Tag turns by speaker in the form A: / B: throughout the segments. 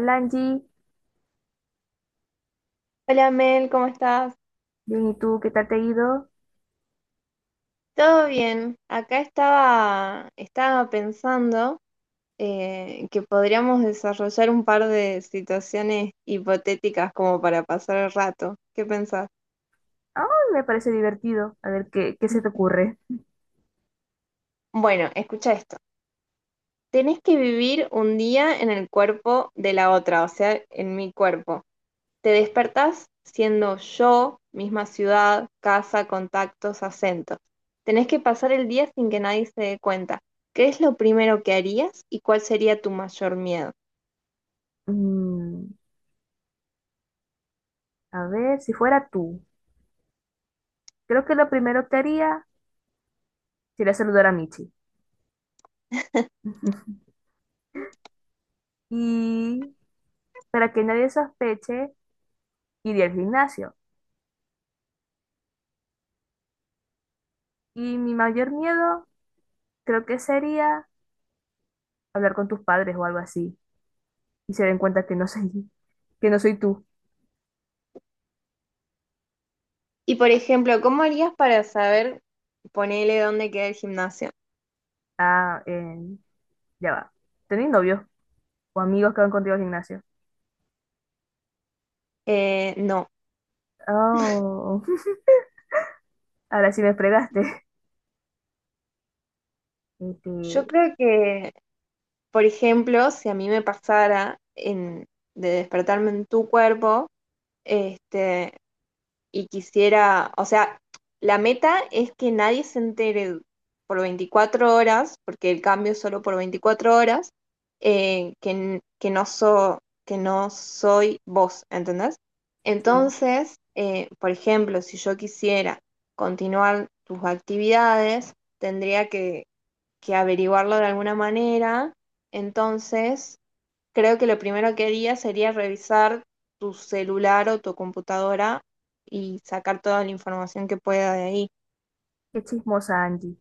A: Alangi,
B: Hola Mel, ¿cómo estás?
A: bien, ¿y tú qué tal te ha ido?
B: ¿Todo bien? Acá estaba pensando que podríamos desarrollar un par de situaciones hipotéticas como para pasar el rato. ¿Qué pensás?
A: Ah, me parece divertido. A ver, ¿qué se te ocurre?
B: Bueno, escucha esto. Tenés que vivir un día en el cuerpo de la otra, o sea, en mi cuerpo. Te despertás siendo yo, misma ciudad, casa, contactos, acentos. Tenés que pasar el día sin que nadie se dé cuenta. ¿Qué es lo primero que harías y cuál sería tu mayor miedo?
A: Mm, a ver, si fuera tú, creo que lo primero que haría sería saludar a Michi. Y para que nadie sospeche, iría al gimnasio. Y mi mayor miedo creo que sería hablar con tus padres o algo así y se den cuenta que no soy, que no soy tú.
B: Y por ejemplo, ¿cómo harías para saber, ponele dónde queda el gimnasio?
A: Ah, ya va. ¿Tenés novios o amigos que van contigo al gimnasio?
B: No,
A: Oh, ahora sí me fregaste. Este,
B: yo creo que, por ejemplo, si a mí me pasara de despertarme en tu cuerpo, este, y quisiera, o sea, la meta es que nadie se entere por 24 horas, porque el cambio es solo por 24 horas, eh, que, n- que, no so- que no soy vos, ¿entendés?
A: sí,
B: Entonces, por ejemplo, si yo quisiera continuar tus actividades, que averiguarlo de alguna manera. Entonces, creo que lo primero que haría sería revisar tu celular o tu computadora y sacar toda la información que pueda de ahí.
A: qué chismosa Angie.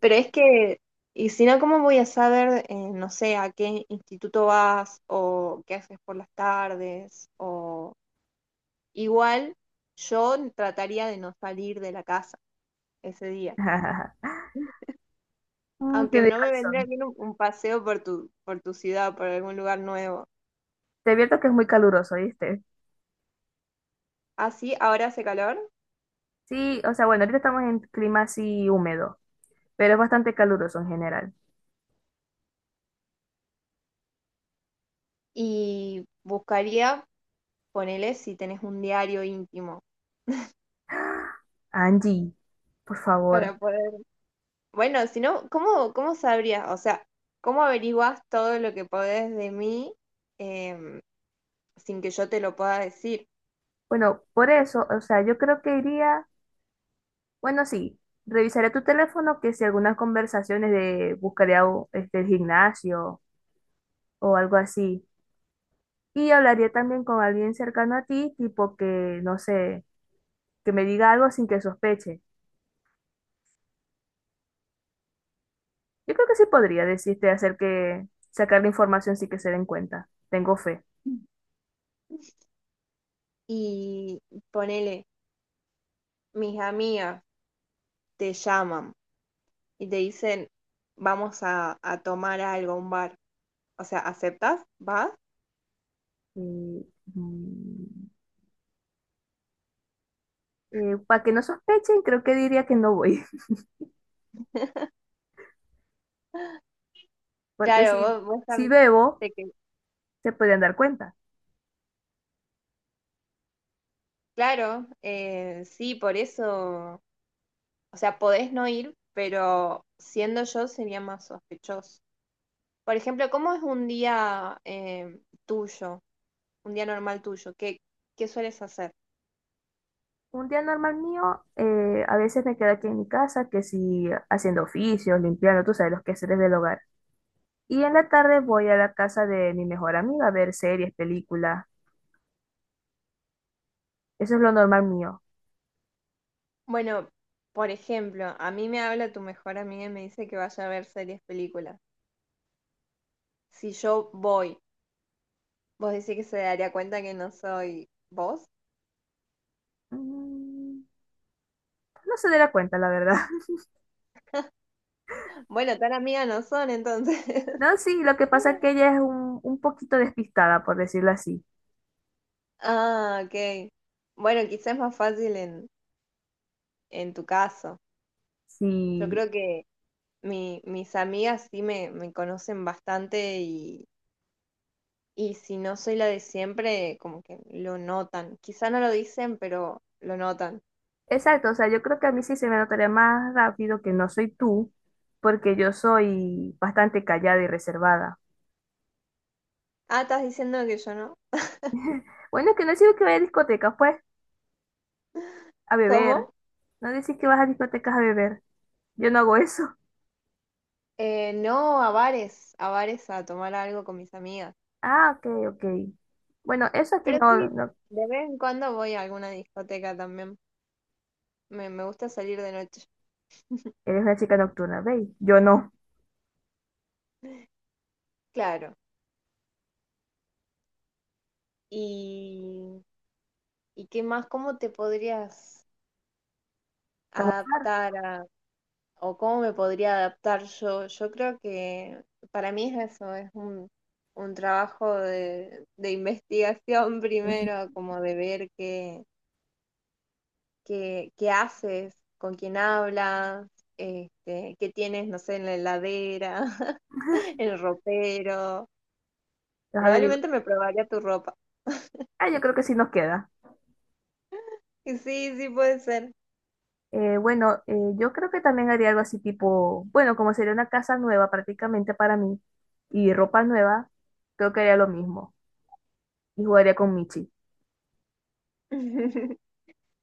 B: Pero es que, y si no, ¿cómo voy a saber, no sé, a qué instituto vas o qué haces por las tardes? O igual, yo trataría de no salir de la casa ese día.
A: Mm,
B: Aunque
A: tienes
B: no me vendría
A: razón.
B: bien un paseo por por tu ciudad, por algún lugar nuevo.
A: Te advierto que es muy caluroso, ¿viste?
B: Así, ahora hace calor
A: Sí, o sea, bueno, ahorita estamos en clima así húmedo, pero es bastante caluroso en general.
B: y buscaría ponele si tenés un diario íntimo
A: Angie, por
B: para
A: favor.
B: poder. Bueno, si no, ¿cómo sabrías? O sea, ¿cómo averiguás todo lo que podés de mí em, sin que yo te lo pueda decir?
A: Bueno, por eso, o sea, yo creo que iría, bueno, sí, revisaré tu teléfono que si algunas conversaciones de buscaría o- este, el gimnasio o algo así. Y hablaría también con alguien cercano a ti, tipo que, no sé, que me diga algo sin que sospeche. Yo creo que sí podría decirte hacer que sacar la información sin que se den cuenta. Tengo fe.
B: Y ponele, mis amigas te llaman y te dicen, vamos a tomar algo, a un bar. O sea, ¿aceptas? ¿Vas?
A: Y, para que no sospechen, creo que diría que no voy. Porque
B: Claro,
A: si,
B: vos
A: si
B: también.
A: bebo,
B: te que-
A: se pueden dar cuenta.
B: Claro, sí, por eso. O sea, podés no ir, pero siendo yo sería más sospechoso. Por ejemplo, ¿cómo es un día tuyo, un día normal tuyo? ¿Qué sueles hacer?
A: Un día normal mío, a veces me quedo aquí en mi casa, que si haciendo oficios, limpiando, tú sabes, los quehaceres del hogar. Y en la tarde voy a la casa de mi mejor amiga a ver series, películas. Eso es lo normal mío.
B: Bueno, por ejemplo, a mí me habla tu mejor amiga y me dice que vaya a ver series, películas. Si yo voy, vos decís que se daría cuenta que no soy vos.
A: Mm, no se dará cuenta, la verdad.
B: Bueno, tan amiga no son entonces.
A: No, sí, lo que pasa es que ella es un poquito despistada, por decirlo así.
B: Ah, ok. Bueno, quizás es más fácil en tu caso. Yo
A: Sí,
B: creo que mis amigas sí me conocen bastante y si no soy la de siempre, como que lo notan. Quizá no lo dicen, pero lo notan.
A: exacto, o sea, yo creo que a mí sí se me notaría más rápido que no soy tú, porque yo soy bastante callada y reservada.
B: Ah, ¿estás diciendo que yo no?
A: Bueno, que no digo que vaya a discotecas, pues, a beber.
B: ¿Cómo?
A: No decís que vas a discotecas a beber. Yo no hago eso.
B: No, a bares, a bares a tomar algo con mis amigas.
A: Ah, ok, ok. Bueno, eso aquí
B: Pero
A: no,
B: sí,
A: no.
B: de vez en cuando voy a alguna discoteca también. Me gusta salir de noche.
A: Eres una chica nocturna, ¿veis? Yo no.
B: Claro. ¿Y, y qué más? ¿Cómo te podrías
A: Estamos...
B: adaptar o cómo me podría adaptar yo? Yo creo que para mí es eso, es un trabajo de investigación
A: los
B: primero, como de ver qué haces, con quién hablas, este, qué tienes, no sé, en la heladera, en el ropero.
A: averiguo,
B: Probablemente me probaría tu ropa.
A: ah, yo creo que sí nos queda.
B: Y sí, sí puede ser.
A: Bueno, yo creo que también haría algo así tipo, bueno, como sería una casa nueva prácticamente para mí y ropa nueva, creo que haría lo mismo y jugaría con Michi.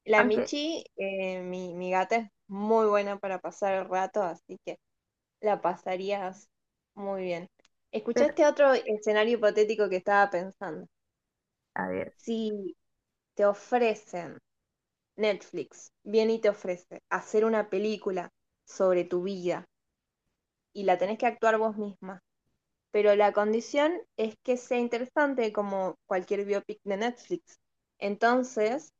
B: La
A: Aunque,
B: Michi, mi gata es muy buena para pasar el rato, así que la pasarías muy bien. Escuchá
A: pero,
B: este otro escenario hipotético que estaba pensando.
A: a ver,
B: Si te ofrecen, Netflix viene y te ofrece hacer una película sobre tu vida y la tenés que actuar vos misma, pero la condición es que sea interesante como cualquier biopic de Netflix. Entonces,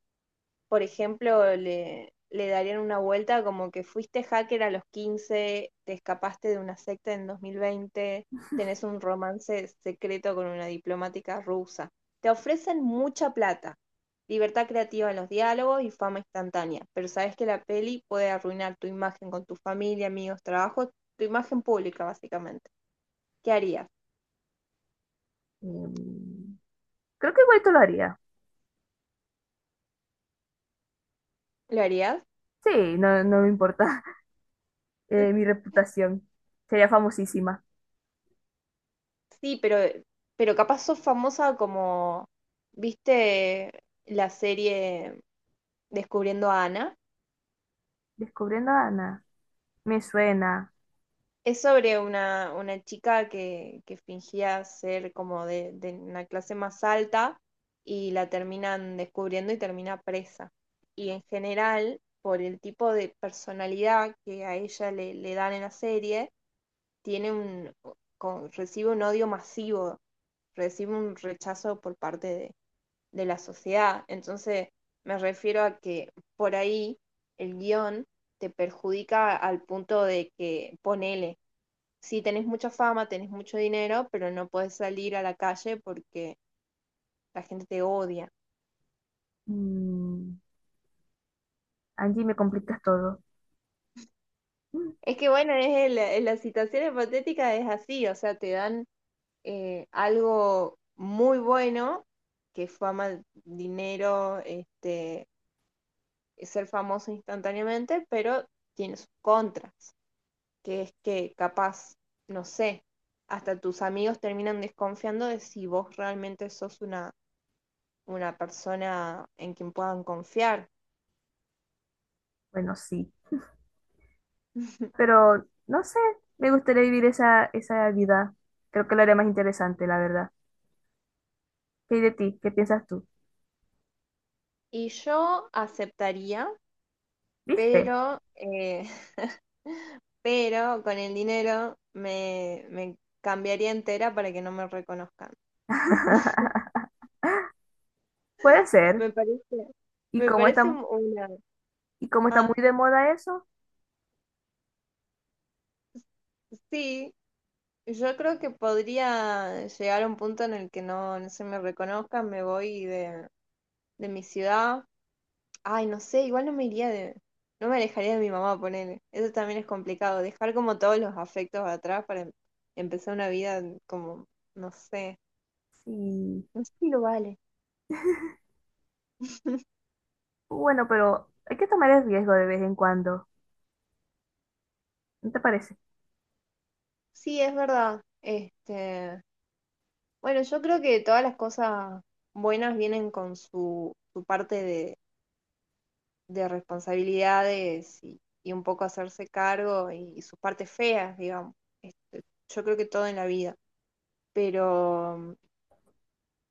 B: por ejemplo, le darían una vuelta como que fuiste hacker a los 15, te escapaste de una secta en 2020, tenés un romance secreto con una diplomática rusa. Te ofrecen mucha plata, libertad creativa en los diálogos y fama instantánea, pero sabes que la peli puede arruinar tu imagen con tu familia, amigos, trabajo, tu imagen pública básicamente. ¿Qué harías?
A: em, creo que igual lo haría.
B: ¿Lo harías?
A: Sí, no, no me importa mi reputación. Sería famosísima.
B: Sí, pero capaz sos famosa como, ¿viste la serie Descubriendo a Ana?
A: Descubriendo a Ana, me suena.
B: Es sobre una chica que fingía ser como de una clase más alta y la terminan descubriendo y termina presa. Y en general, por el tipo de personalidad que a ella le dan en la serie, tiene un, recibe un odio masivo, recibe un rechazo por parte de la sociedad. Entonces, me refiero a que por ahí el guión te perjudica al punto de que, ponele, si sí, tenés mucha fama, tenés mucho dinero, pero no puedes salir a la calle porque la gente te odia.
A: Mm, Angie, me complicas todo. Mm,
B: Es que bueno, en las situaciones patéticas es así, o sea, te dan algo muy bueno, que es fama, dinero, este, ser famoso instantáneamente, pero tiene sus contras, que es que capaz, no sé, hasta tus amigos terminan desconfiando de si vos realmente sos una persona en quien puedan confiar.
A: bueno, sí. Pero no sé, me gustaría vivir esa, esa vida. Creo que lo haría más interesante, la verdad. ¿Qué hay de ti? ¿Qué piensas tú?
B: Y yo aceptaría,
A: ¿Viste?
B: pero, pero con el dinero me cambiaría entera para que no me reconozcan.
A: Puede ser.
B: Me parece,
A: Y como está,
B: una...
A: y como está
B: Ah,
A: muy de moda eso,
B: sí, yo creo que podría llegar a un punto en el que no, no se me reconozcan, me voy de mi ciudad. Ay, no sé, igual no me iría de. No me alejaría de mi mamá, ponele. Eso también es complicado. Dejar como todos los afectos atrás para empezar una vida como, no sé.
A: sí.
B: No sé si lo vale.
A: Bueno, pero hay que tomar el riesgo de vez en cuando. ¿No te parece?
B: Sí, es verdad. Este, bueno, yo creo que todas las cosas buenas vienen con su parte de responsabilidades y un poco hacerse cargo y sus partes feas, digamos. Este, yo creo que todo en la vida. Pero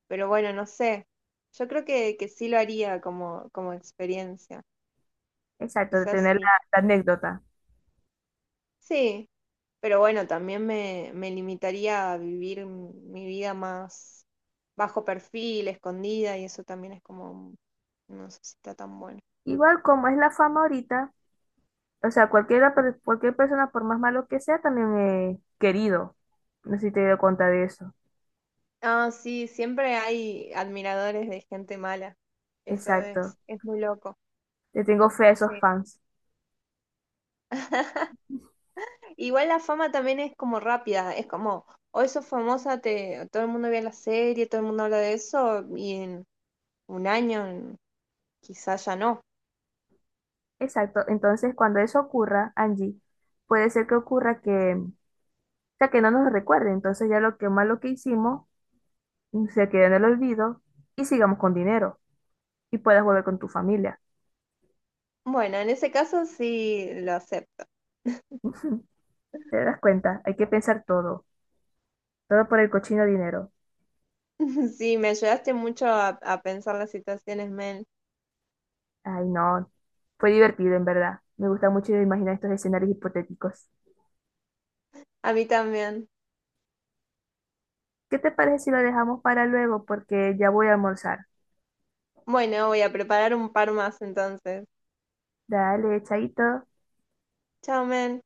B: Pero bueno, no sé. Yo creo que sí lo haría como, como experiencia.
A: Exacto, de
B: Quizás
A: tener
B: sí.
A: la, la anécdota.
B: Sí, pero bueno, también me limitaría a vivir mi vida más bajo perfil, escondida, y eso también es como, no sé si está tan bueno.
A: Igual como es la fama ahorita, o sea, cualquiera, per- cualquier persona, por más malo que sea, también es querido. No sé si te he dado cuenta de eso.
B: Ah, sí, siempre hay admiradores de gente mala. Eso
A: Exacto.
B: es muy loco.
A: Le tengo fe a esos
B: Sí.
A: fans.
B: Igual la fama también es como rápida, es como, hoy sos famosa, te, todo el mundo ve la serie, todo el mundo habla de eso, y en un año, quizás ya no.
A: Exacto. Entonces, cuando eso ocurra, Angie, puede ser que ocurra que, o sea, que no nos recuerde. Entonces, ya lo que malo que hicimos, mm, se quede en el olvido y sigamos con dinero y puedas volver con tu familia.
B: Bueno, en ese caso sí lo acepto.
A: ¿Te das cuenta? Hay que pensar todo. Todo por el cochino dinero.
B: Sí, me ayudaste mucho a pensar las situaciones, men.
A: Ay, no. Fue divertido, en verdad. Me gusta mucho imaginar estos escenarios hipotéticos.
B: A mí también.
A: ¿Qué te parece si lo dejamos para luego? Porque ya voy a almorzar.
B: Bueno, voy a preparar un par más entonces.
A: Dale, chaito.
B: Chao, men.